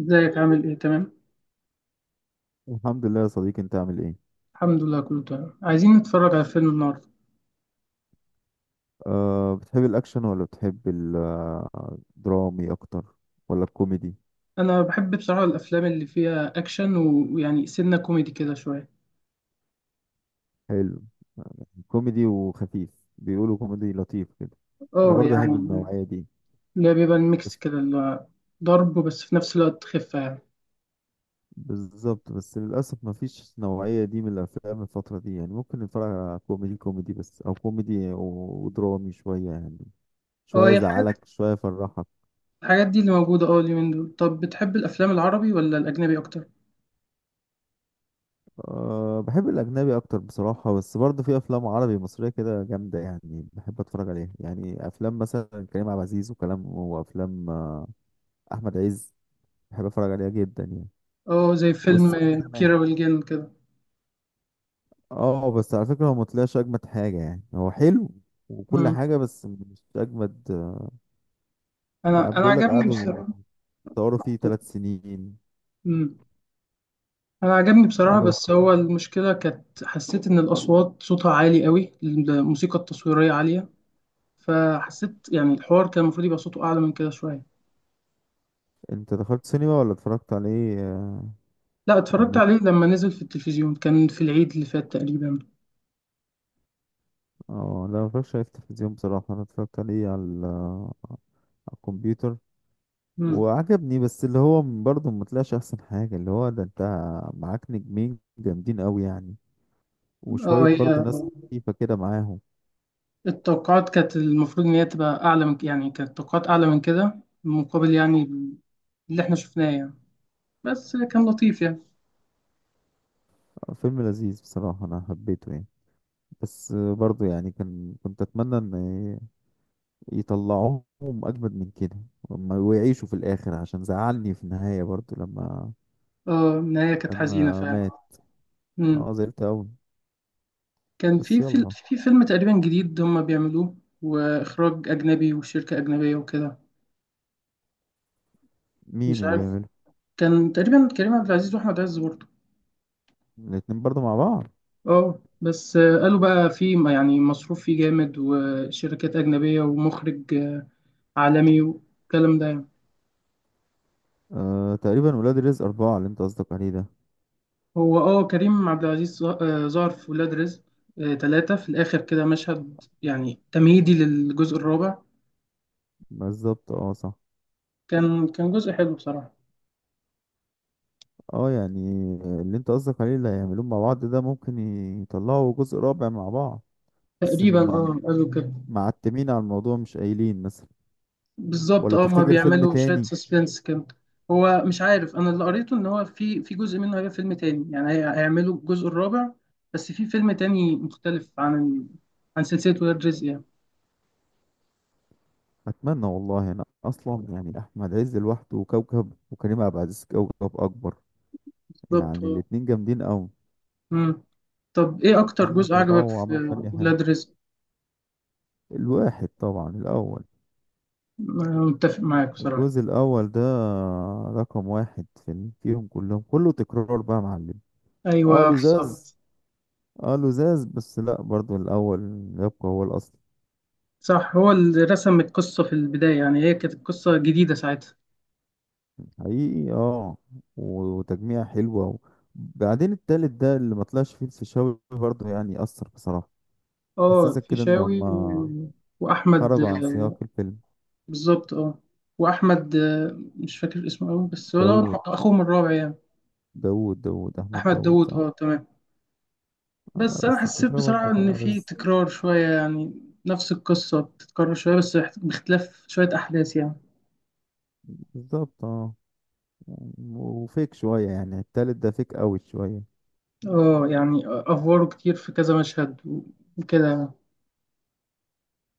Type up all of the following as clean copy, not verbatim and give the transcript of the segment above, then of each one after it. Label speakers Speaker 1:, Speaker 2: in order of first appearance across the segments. Speaker 1: ازيك عامل ايه؟ تمام.
Speaker 2: الحمد لله يا صديقي، انت عامل ايه؟
Speaker 1: الحمد لله، كله تمام. عايزين نتفرج على فيلم النهارده.
Speaker 2: أه، بتحب الاكشن ولا بتحب الدرامي اكتر ولا الكوميدي؟
Speaker 1: انا بحب بصراحه الافلام اللي فيها اكشن ويعني سنه كوميدي كده شويه.
Speaker 2: حلو. كوميدي وخفيف. بيقولوا كوميدي لطيف كده. انا
Speaker 1: اه،
Speaker 2: برضه احب
Speaker 1: يعني
Speaker 2: النوعية دي.
Speaker 1: اللي هي بيبقى الميكس
Speaker 2: بس.
Speaker 1: كده، اللي هو ضرب، بس في نفس الوقت خفه، يعني.
Speaker 2: بالظبط، بس للاسف ما فيش نوعية دي من الافلام الفترة دي، يعني ممكن نتفرج على كوميدي كوميدي بس، او كوميدي و- ودرامي شوية يعني.
Speaker 1: اه،
Speaker 2: شوية
Speaker 1: هي الحاجات.
Speaker 2: يزعلك شوية يفرحك.
Speaker 1: الحاجات دي اللي موجوده، اليومين دول. طب بتحب الافلام العربي ولا الاجنبي اكتر؟
Speaker 2: أه، بحب الأجنبي أكتر بصراحة، بس برضه في أفلام عربي مصرية كده جامدة يعني. بحب أتفرج عليها، يعني أفلام مثلا كريم عبد العزيز وكلام، وأفلام أحمد عز. بحب أتفرج عليها جدا يعني.
Speaker 1: اه، زي فيلم
Speaker 2: والسقا زمان.
Speaker 1: كيرة والجن كده.
Speaker 2: اه، بس على فكرة هو مطلعش أجمد حاجة، يعني هو حلو وكل
Speaker 1: مم.
Speaker 2: حاجة بس مش أجمد. يعني
Speaker 1: انا
Speaker 2: بيقول لك
Speaker 1: عجبني
Speaker 2: قعدوا
Speaker 1: بصراحه.
Speaker 2: يصوروا فيه 3 سنين.
Speaker 1: مم. انا عجبني بصراحه،
Speaker 2: عجبك؟
Speaker 1: بس هو المشكله كانت، حسيت ان الاصوات صوتها عالي قوي، الموسيقى التصويريه عاليه. فحسيت يعني الحوار كان المفروض يبقى صوته اعلى من كده شويه.
Speaker 2: أنت دخلت سينما ولا اتفرجت عليه
Speaker 1: لا،
Speaker 2: على
Speaker 1: اتفرجت
Speaker 2: النت؟
Speaker 1: عليه لما نزل في التلفزيون، كان في العيد اللي فات تقريبا.
Speaker 2: اه لا، متفرجش عليه في التلفزيون بصراحة، أنا اتفرجت عليه على الكمبيوتر.
Speaker 1: مم.
Speaker 2: وعجبني، بس اللي هو برضه ما طلعش احسن حاجه، اللي هو ده انت معاك نجمين جامدين قوي يعني.
Speaker 1: اه،
Speaker 2: وشويه
Speaker 1: هي
Speaker 2: برضه ناس خفيفه كده معاهم.
Speaker 1: التوقعات كانت المفروض ان هي تبقى اعلى من، يعني كانت التوقعات اعلى من كده، مقابل يعني اللي احنا شفناه يعني. بس كان لطيف يعني.
Speaker 2: فيلم لذيذ بصراحه، انا حبيته يعني. بس برضه يعني كنت اتمنى ان يطلعوهم اجمد من كده. وما- ويعيشوا في الاخر، عشان زعلني في النهايه برضه لما
Speaker 1: اه، النهايه كانت حزينه
Speaker 2: لما
Speaker 1: فعلا.
Speaker 2: مات.
Speaker 1: مم.
Speaker 2: اه، زعلت قوي.
Speaker 1: كان
Speaker 2: بس
Speaker 1: في
Speaker 2: يلا.
Speaker 1: في فيلم تقريبا جديد هم بيعملوه، واخراج اجنبي وشركه اجنبيه وكده.
Speaker 2: مين
Speaker 1: مش
Speaker 2: اللي
Speaker 1: عارف.
Speaker 2: بيعمله؟
Speaker 1: كان تقريبا كريم عبد العزيز واحمد عز برضه.
Speaker 2: الاتنين برضه مع بعض؟
Speaker 1: اه، بس قالوا بقى في يعني مصروف فيه جامد وشركات اجنبيه ومخرج عالمي، والكلام ده يعني.
Speaker 2: آه، تقريبا ولاد رزق 4 اللي انت قصدك عليه ده.
Speaker 1: هو، اه، كريم عبد العزيز ظهر في ولاد رزق تلاتة في الآخر كده، مشهد يعني تمهيدي للجزء الرابع.
Speaker 2: بالظبط، اه صح.
Speaker 1: كان جزء حلو بصراحة.
Speaker 2: اه يعني، اللي انت قصدك عليه اللي هيعملوه مع بعض ده ممكن يطلعوا جزء رابع مع بعض. بس
Speaker 1: تقريبا، اه، قالوا كده.
Speaker 2: معتمين على الموضوع، مش قايلين مثلا.
Speaker 1: بالظبط،
Speaker 2: ولا
Speaker 1: اه، هما
Speaker 2: تفتكر فيلم
Speaker 1: بيعملوا شوية
Speaker 2: تاني؟
Speaker 1: سسبنس كده. هو مش عارف، انا اللي قريته ان هو في جزء منه هيبقى فيلم تاني، يعني هيعملوا الجزء الرابع. بس في فيلم تاني مختلف عن سلسلة ولاد رزق يعني.
Speaker 2: اتمنى والله، انا اصلا يعني احمد عز لوحده وكوكب، وكريم عبد العزيز كوكب اكبر.
Speaker 1: بالظبط،
Speaker 2: يعني
Speaker 1: اه.
Speaker 2: الاتنين جامدين قوي.
Speaker 1: مم. طب ايه اكتر
Speaker 2: اتمنى
Speaker 1: جزء عجبك
Speaker 2: يطلعوا
Speaker 1: في
Speaker 2: عمل فني حلو.
Speaker 1: ولاد رزق؟
Speaker 2: الواحد طبعا الاول.
Speaker 1: أنا متفق معاك بصراحة.
Speaker 2: الجزء الاول ده رقم واحد فيهم كلهم، كله تكرار بقى يا معلم. اه
Speaker 1: ايوه،
Speaker 2: لزاز.
Speaker 1: بالظبط.
Speaker 2: اه لزاز، بس لا برضو الاول يبقى هو الاصل.
Speaker 1: صح، هو اللي رسم القصة في البداية، يعني هي كانت قصة جديدة ساعتها.
Speaker 2: حقيقي اه. وتجميع حلوه. وبعدين التالت ده اللي ما طلعش فيه الفيشاوي برضو، يعني اثر بصراحه.
Speaker 1: اه،
Speaker 2: حسسك كده ان
Speaker 1: فيشاوي
Speaker 2: هما
Speaker 1: واحمد.
Speaker 2: خرجوا عن سياق الفيلم.
Speaker 1: بالظبط، اه. واحمد، مش فاكر اسمه قوي، بس هو دوت
Speaker 2: داوود.
Speaker 1: اخوه من الرابع يعني.
Speaker 2: داوود احمد
Speaker 1: احمد
Speaker 2: داوود،
Speaker 1: داوود،
Speaker 2: صح.
Speaker 1: اه، تمام.
Speaker 2: آه
Speaker 1: بس
Speaker 2: لا،
Speaker 1: انا
Speaker 2: بس
Speaker 1: حسيت
Speaker 2: الفيشاوي
Speaker 1: بصراحه
Speaker 2: برضو كان
Speaker 1: ان في
Speaker 2: ألذ.
Speaker 1: تكرار شويه يعني، نفس القصه بتتكرر شويه بس باختلاف شويه احداث يعني.
Speaker 2: بالظبط اه، وفيك شويه، يعني التالت ده فيك قوي شويه.
Speaker 1: اه يعني افواره كتير في كذا مشهد وكده يعني.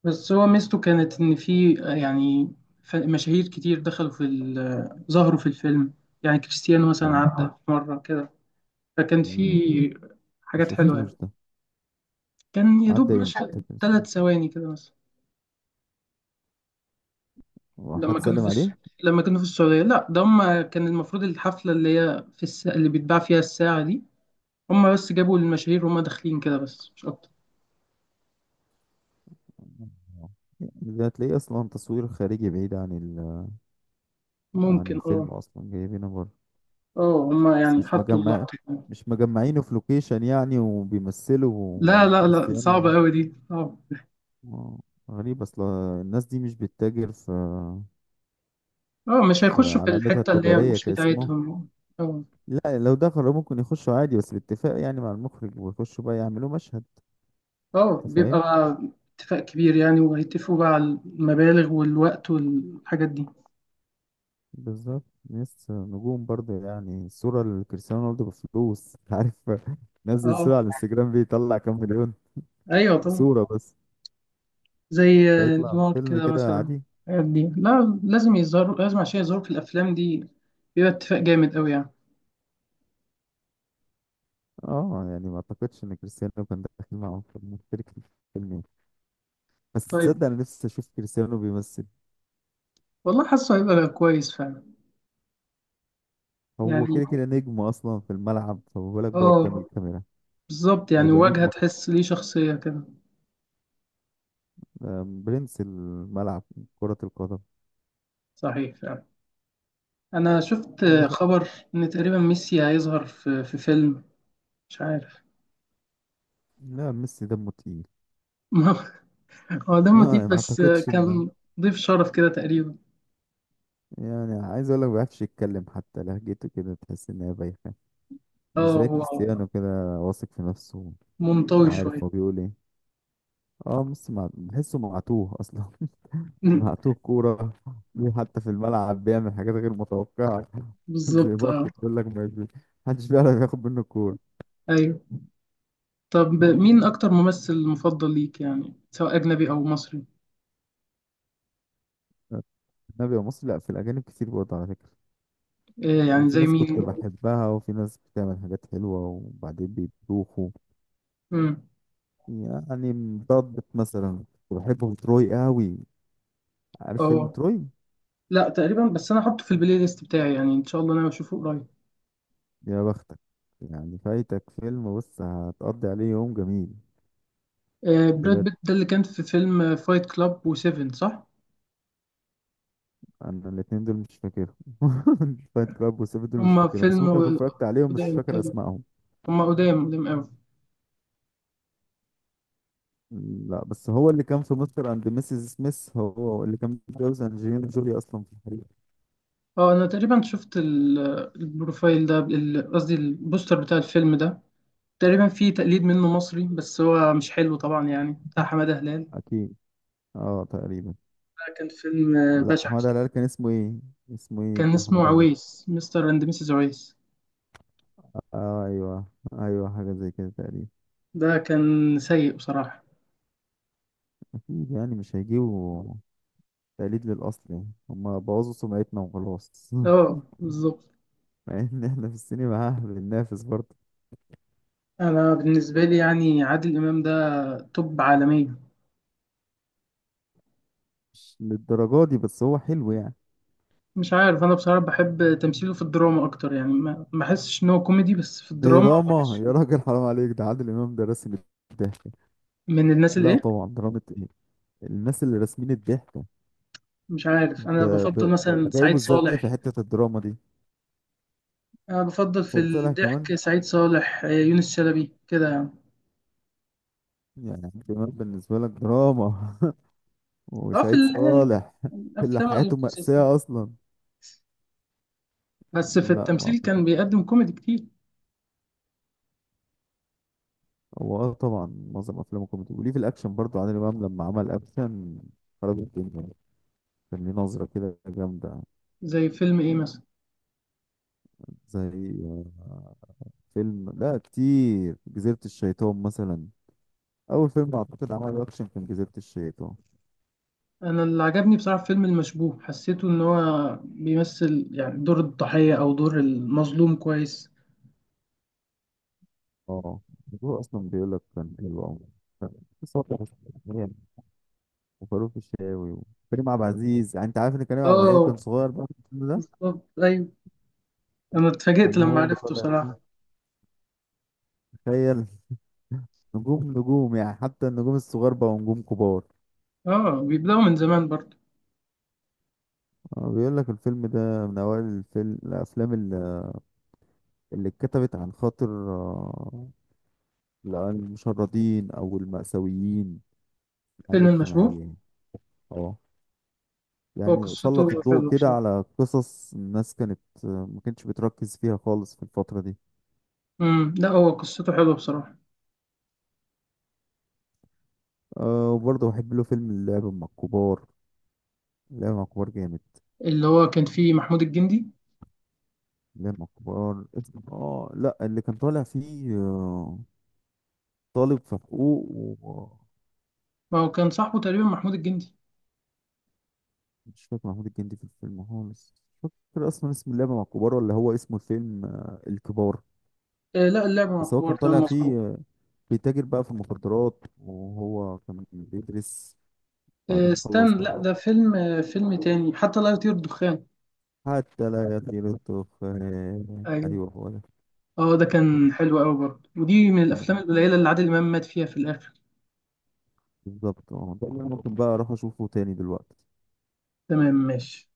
Speaker 1: بس هو ميزته كانت ان في، يعني مشاهير كتير دخلوا في ال- آه، ظهروا في الفيلم. يعني كريستيانو مثلا
Speaker 2: اه،
Speaker 1: عدى في مره كده، فكان في
Speaker 2: م- ما
Speaker 1: حاجات حلوه
Speaker 2: شفتوش
Speaker 1: يعني.
Speaker 2: ده.
Speaker 1: كان يا دوب
Speaker 2: عدى امتى
Speaker 1: مشهد
Speaker 2: كده؟
Speaker 1: 3 ثواني كده مثلا.
Speaker 2: هو
Speaker 1: لما
Speaker 2: حد
Speaker 1: كانوا
Speaker 2: سلم
Speaker 1: في الس...
Speaker 2: عليه؟
Speaker 1: لما كانوا في السعودية. لا، ده هم كان المفروض الحفلة اللي هي اللي بيتباع فيها الساعة دي. هم بس جابوا المشاهير وهم داخلين كده، بس مش أكتر.
Speaker 2: ده هتلاقيه اصلا تصوير خارجي بعيد عن
Speaker 1: ممكن، اه.
Speaker 2: الفيلم، اصلا جايبينه بره.
Speaker 1: اه، هم
Speaker 2: بس
Speaker 1: يعني
Speaker 2: مش
Speaker 1: حطوا
Speaker 2: مجمع.
Speaker 1: اللقطة.
Speaker 2: مش مجمعينه في لوكيشن يعني،
Speaker 1: لا،
Speaker 2: وبيمثلوا
Speaker 1: لا، لا،
Speaker 2: كريستيانو؟
Speaker 1: صعبة أوي دي، اه.
Speaker 2: آه، غريب اصلا. الناس دي مش بتتاجر في
Speaker 1: اه، مش هيخشوا في
Speaker 2: علامتها
Speaker 1: الحتة اللي هي
Speaker 2: التجارية
Speaker 1: مش
Speaker 2: كاسمه.
Speaker 1: بتاعتهم. اه.
Speaker 2: لا لو دخلوا ممكن يخشوا عادي، بس بالاتفاق يعني مع المخرج، ويخشوا بقى يعملوا مشهد.
Speaker 1: اه،
Speaker 2: انت
Speaker 1: بيبقى
Speaker 2: فاهم؟
Speaker 1: بقى اتفاق كبير يعني، وهيتفقوا بقى على المبالغ والوقت والحاجات دي.
Speaker 2: بالظبط. ناس نجوم برضه، يعني الصورة لكريستيانو رونالدو بفلوس، أنت عارف. نزل صورة
Speaker 1: اه،
Speaker 2: على الانستجرام بيطلع كام مليون
Speaker 1: ايوه طبعا.
Speaker 2: صورة بس.
Speaker 1: زي
Speaker 2: فيطلع
Speaker 1: نيويورك
Speaker 2: فيلم
Speaker 1: كده
Speaker 2: كده
Speaker 1: مثلا.
Speaker 2: عادي.
Speaker 1: الحاجات دي لا، لازم يظهر، لازم عشان يظهروا في الافلام دي بيبقى اتفاق جامد قوي يعني.
Speaker 2: اه يعني، ما اعتقدش ان كريستيانو كان داخل معاهم، في مشترك في الفيلم يعني. بس
Speaker 1: طيب.
Speaker 2: تصدق انا نفسي اشوف كريستيانو بيمثل.
Speaker 1: والله حاسه هيبقى كويس فعلا.
Speaker 2: هو
Speaker 1: يعني،
Speaker 2: كده كده نجم اصلا في الملعب، فما بالك بقى قدام
Speaker 1: اه،
Speaker 2: الكاميرا.
Speaker 1: بالظبط، يعني
Speaker 2: هيبقى
Speaker 1: وجهة
Speaker 2: نجم أكتر.
Speaker 1: تحس ليه شخصية كده.
Speaker 2: برنس الملعب، كرة القدم.
Speaker 1: صحيح فعلا. انا شفت
Speaker 2: اللي خ...
Speaker 1: خبر ان تقريبا ميسي هيظهر في فيلم. مش عارف.
Speaker 2: لا، ميسي دمه تقيل.
Speaker 1: هو ده
Speaker 2: آه،
Speaker 1: موتيف
Speaker 2: ما
Speaker 1: بس.
Speaker 2: اعتقدش ان
Speaker 1: كان ضيف شرف كده تقريبا.
Speaker 2: يعني، عايز اقول لك ما بيعرفش يتكلم، حتى لهجته كده تحس ان هي بايخه.
Speaker 1: اه،
Speaker 2: مش زي
Speaker 1: هو
Speaker 2: كريستيانو كده واثق في نفسه
Speaker 1: منطوي
Speaker 2: وعارف
Speaker 1: شوية.
Speaker 2: هو بيقول ايه. اه بس بحسه معتوه اصلا. معتوه كوره. حتى في الملعب بيعمل حاجات غير متوقعه. زي
Speaker 1: بالظبط،
Speaker 2: بط،
Speaker 1: اه.
Speaker 2: بيقول لك ما بي- محدش بيعرف ياخد منه الكوره.
Speaker 1: ايوه. طب مين أكتر ممثل مفضل ليك يعني، سواء أجنبي أو مصري؟
Speaker 2: النبي يا مصري، لا، في الاجانب كتير برضه على فكره.
Speaker 1: إيه يعني،
Speaker 2: وفي
Speaker 1: زي
Speaker 2: ناس كنت
Speaker 1: مين؟
Speaker 2: بحبها، وفي ناس بتعمل حاجات حلوه وبعدين بيبوخوا.
Speaker 1: مم.
Speaker 2: يعني ضبط مثلا، كنت بحبه تروي قوي. عارف فيلم
Speaker 1: أه،
Speaker 2: تروي؟
Speaker 1: لا تقريبا، بس أنا أحطه في البلاي ليست بتاعي، يعني إن شاء الله أنا أشوفه قريب.
Speaker 2: يا بختك. يعني فايتك فيلم، بص هتقضي عليه يوم جميل.
Speaker 1: براد
Speaker 2: بجد؟
Speaker 1: بيت ده اللي كان في فيلم فايت كلاب وسيفن، صح؟
Speaker 2: انا الاتنين دول مش فاكرهم. فايت كلاب وسيفن دول مش
Speaker 1: هما
Speaker 2: فاكرهم، بس
Speaker 1: فيلم
Speaker 2: ممكن اكون اتفرجت عليهم بس مش
Speaker 1: قدام
Speaker 2: فاكر
Speaker 1: تقريبا.
Speaker 2: اسمائهم.
Speaker 1: هما قدام قدام أوي.
Speaker 2: لا، بس هو اللي كان في مستر اند ميسيس سميث، هو اللي كان متجوز انجلينا جولي اصلا في الحقيقة.
Speaker 1: أه، أنا تقريبا شفت البروفايل ده، قصدي البوستر بتاع الفيلم ده. تقريبا فيه تقليد منه مصري، بس هو مش حلو طبعا يعني، بتاع حمادة هلال.
Speaker 2: اكيد، اه تقريبا.
Speaker 1: ده كان فيلم
Speaker 2: لا،
Speaker 1: بشع.
Speaker 2: حماده هلال كان اسمه ايه؟ اسمه ايه
Speaker 1: كان
Speaker 2: بتاع
Speaker 1: اسمه
Speaker 2: حماده هلال؟
Speaker 1: عويس، مستر اند ميسيس عويس.
Speaker 2: اه ايوه، ايوه حاجه زي كده تقريبا.
Speaker 1: ده كان سيء بصراحة.
Speaker 2: اكيد يعني مش هيجيبوا تقليد للأصل، يعني هما بوظوا سمعتنا وخلاص.
Speaker 1: اه، بالظبط.
Speaker 2: مع إن إحنا في السينما ها بننافس برضه.
Speaker 1: انا بالنسبة لي يعني، عادل امام ده توب عالمية.
Speaker 2: مش للدرجة دي، بس هو حلو يعني.
Speaker 1: مش عارف، انا بصراحة بحب تمثيله في الدراما اكتر يعني، ما بحسش ان هو كوميدي، بس في الدراما
Speaker 2: دراما؟ يا
Speaker 1: بحسه
Speaker 2: راجل حرام عليك، ده عادل إمام ده راسم الضحكة.
Speaker 1: من الناس اللي
Speaker 2: لا
Speaker 1: ايه.
Speaker 2: طبعا، دراما إيه؟ الناس اللي راسمين الضحكة.
Speaker 1: مش عارف،
Speaker 2: أنت
Speaker 1: انا بفضل مثلا
Speaker 2: جايبه
Speaker 1: سعيد
Speaker 2: إزاي
Speaker 1: صالح.
Speaker 2: في حتة الدراما دي؟
Speaker 1: انا بفضل في
Speaker 2: صرصلها كمان.
Speaker 1: الضحك سعيد صالح، يونس شلبي كده يعني.
Speaker 2: يعني عادل إمام بالنسبة لك دراما؟
Speaker 1: اه، في
Speaker 2: وسعيد صالح؟ اللي
Speaker 1: الافلام
Speaker 2: حياته
Speaker 1: والقصص دي،
Speaker 2: مأساة أصلا.
Speaker 1: بس في
Speaker 2: لا ما
Speaker 1: التمثيل
Speaker 2: أعتقد.
Speaker 1: كان بيقدم كوميدي كتير.
Speaker 2: هو اه طبعا، معظم افلامه كوميدي، وليه في الاكشن برضو، عادل امام لما عمل اكشن خرب الدنيا. كان ليه نظره كده جامده.
Speaker 1: زي فيلم ايه مثلا؟
Speaker 2: زي آه، فيلم، لا كتير، جزيره الشيطان مثلا. اول فيلم اعتقد عمله اكشن كان جزيره الشيطان.
Speaker 1: انا اللي عجبني بصراحه في فيلم المشبوه، حسيته ان هو بيمثل يعني دور الضحيه او دور المظلوم كويس.
Speaker 2: اه، هو اصلا بيقول لك كان حلو قوي. بس هو كان حلو. وفاروق الشاوي وكريم عبد العزيز، يعني انت عارف ان كريم عبد العزيز كان
Speaker 1: اه،
Speaker 2: صغير بقى في الفيلم ده.
Speaker 1: بالظبط، ايوه. انا اتفاجئت
Speaker 2: كان
Speaker 1: لما
Speaker 2: هو اللي
Speaker 1: عرفته
Speaker 2: طالع،
Speaker 1: صراحه.
Speaker 2: تخيل. نجوم نجوم، يعني حتى النجوم الصغار بقوا نجوم كبار.
Speaker 1: اه، بيبداوا من زمان برضه.
Speaker 2: بيقول لك الفيلم ده من أوائل الأفلام اللي اتكتبت عن خاطر المشردين أو المأساويين على
Speaker 1: فيلم المشبوه
Speaker 2: الاجتماعية يعني. اه
Speaker 1: هو
Speaker 2: يعني
Speaker 1: قصته
Speaker 2: سلط الضوء
Speaker 1: حلوه
Speaker 2: كده
Speaker 1: بصراحه.
Speaker 2: على قصص الناس، كانت ما كانتش بتركز فيها خالص في الفترة دي.
Speaker 1: لا، هو قصته حلوه بصراحه.
Speaker 2: أه، وبرضه بحب له فيلم اللعب مع الكبار. اللعب مع الكبار جامد.
Speaker 1: اللي هو كان فيه محمود الجندي.
Speaker 2: اللعب مع الكبار اسمه، اه لا، اللي كان طالع فيه طالب في حقوق.
Speaker 1: ما هو كان صاحبه تقريبا محمود الجندي.
Speaker 2: مش فاكر محمود الجندي في الفيلم خالص، مش فاكر اصلا اسم اللعبه مع الكبار، ولا هو اسمه الفيلم الكبار.
Speaker 1: آه، لا، اللعبه مع
Speaker 2: بس هو
Speaker 1: الكبار،
Speaker 2: كان
Speaker 1: تمام
Speaker 2: طالع
Speaker 1: مظبوط.
Speaker 2: فيه بيتاجر بقى في المخدرات وهو كان بيدرس،
Speaker 1: آه،
Speaker 2: بعدين خلص
Speaker 1: استنى،
Speaker 2: بقى.
Speaker 1: لا ده فيلم تاني، حتى لا يطير الدخان.
Speaker 2: حتى لا يطير الدخان.
Speaker 1: ايوه.
Speaker 2: ايوه، هو ده.
Speaker 1: اه، ده
Speaker 2: حتى
Speaker 1: كان حلو قوي برضه، ودي من
Speaker 2: من،
Speaker 1: الافلام القليله اللي عادل امام مات فيها في الاخر.
Speaker 2: بالظبط اه، ده اللي أنا ممكن بقى اروح اشوفه تاني دلوقتي.
Speaker 1: تمام، ماشي.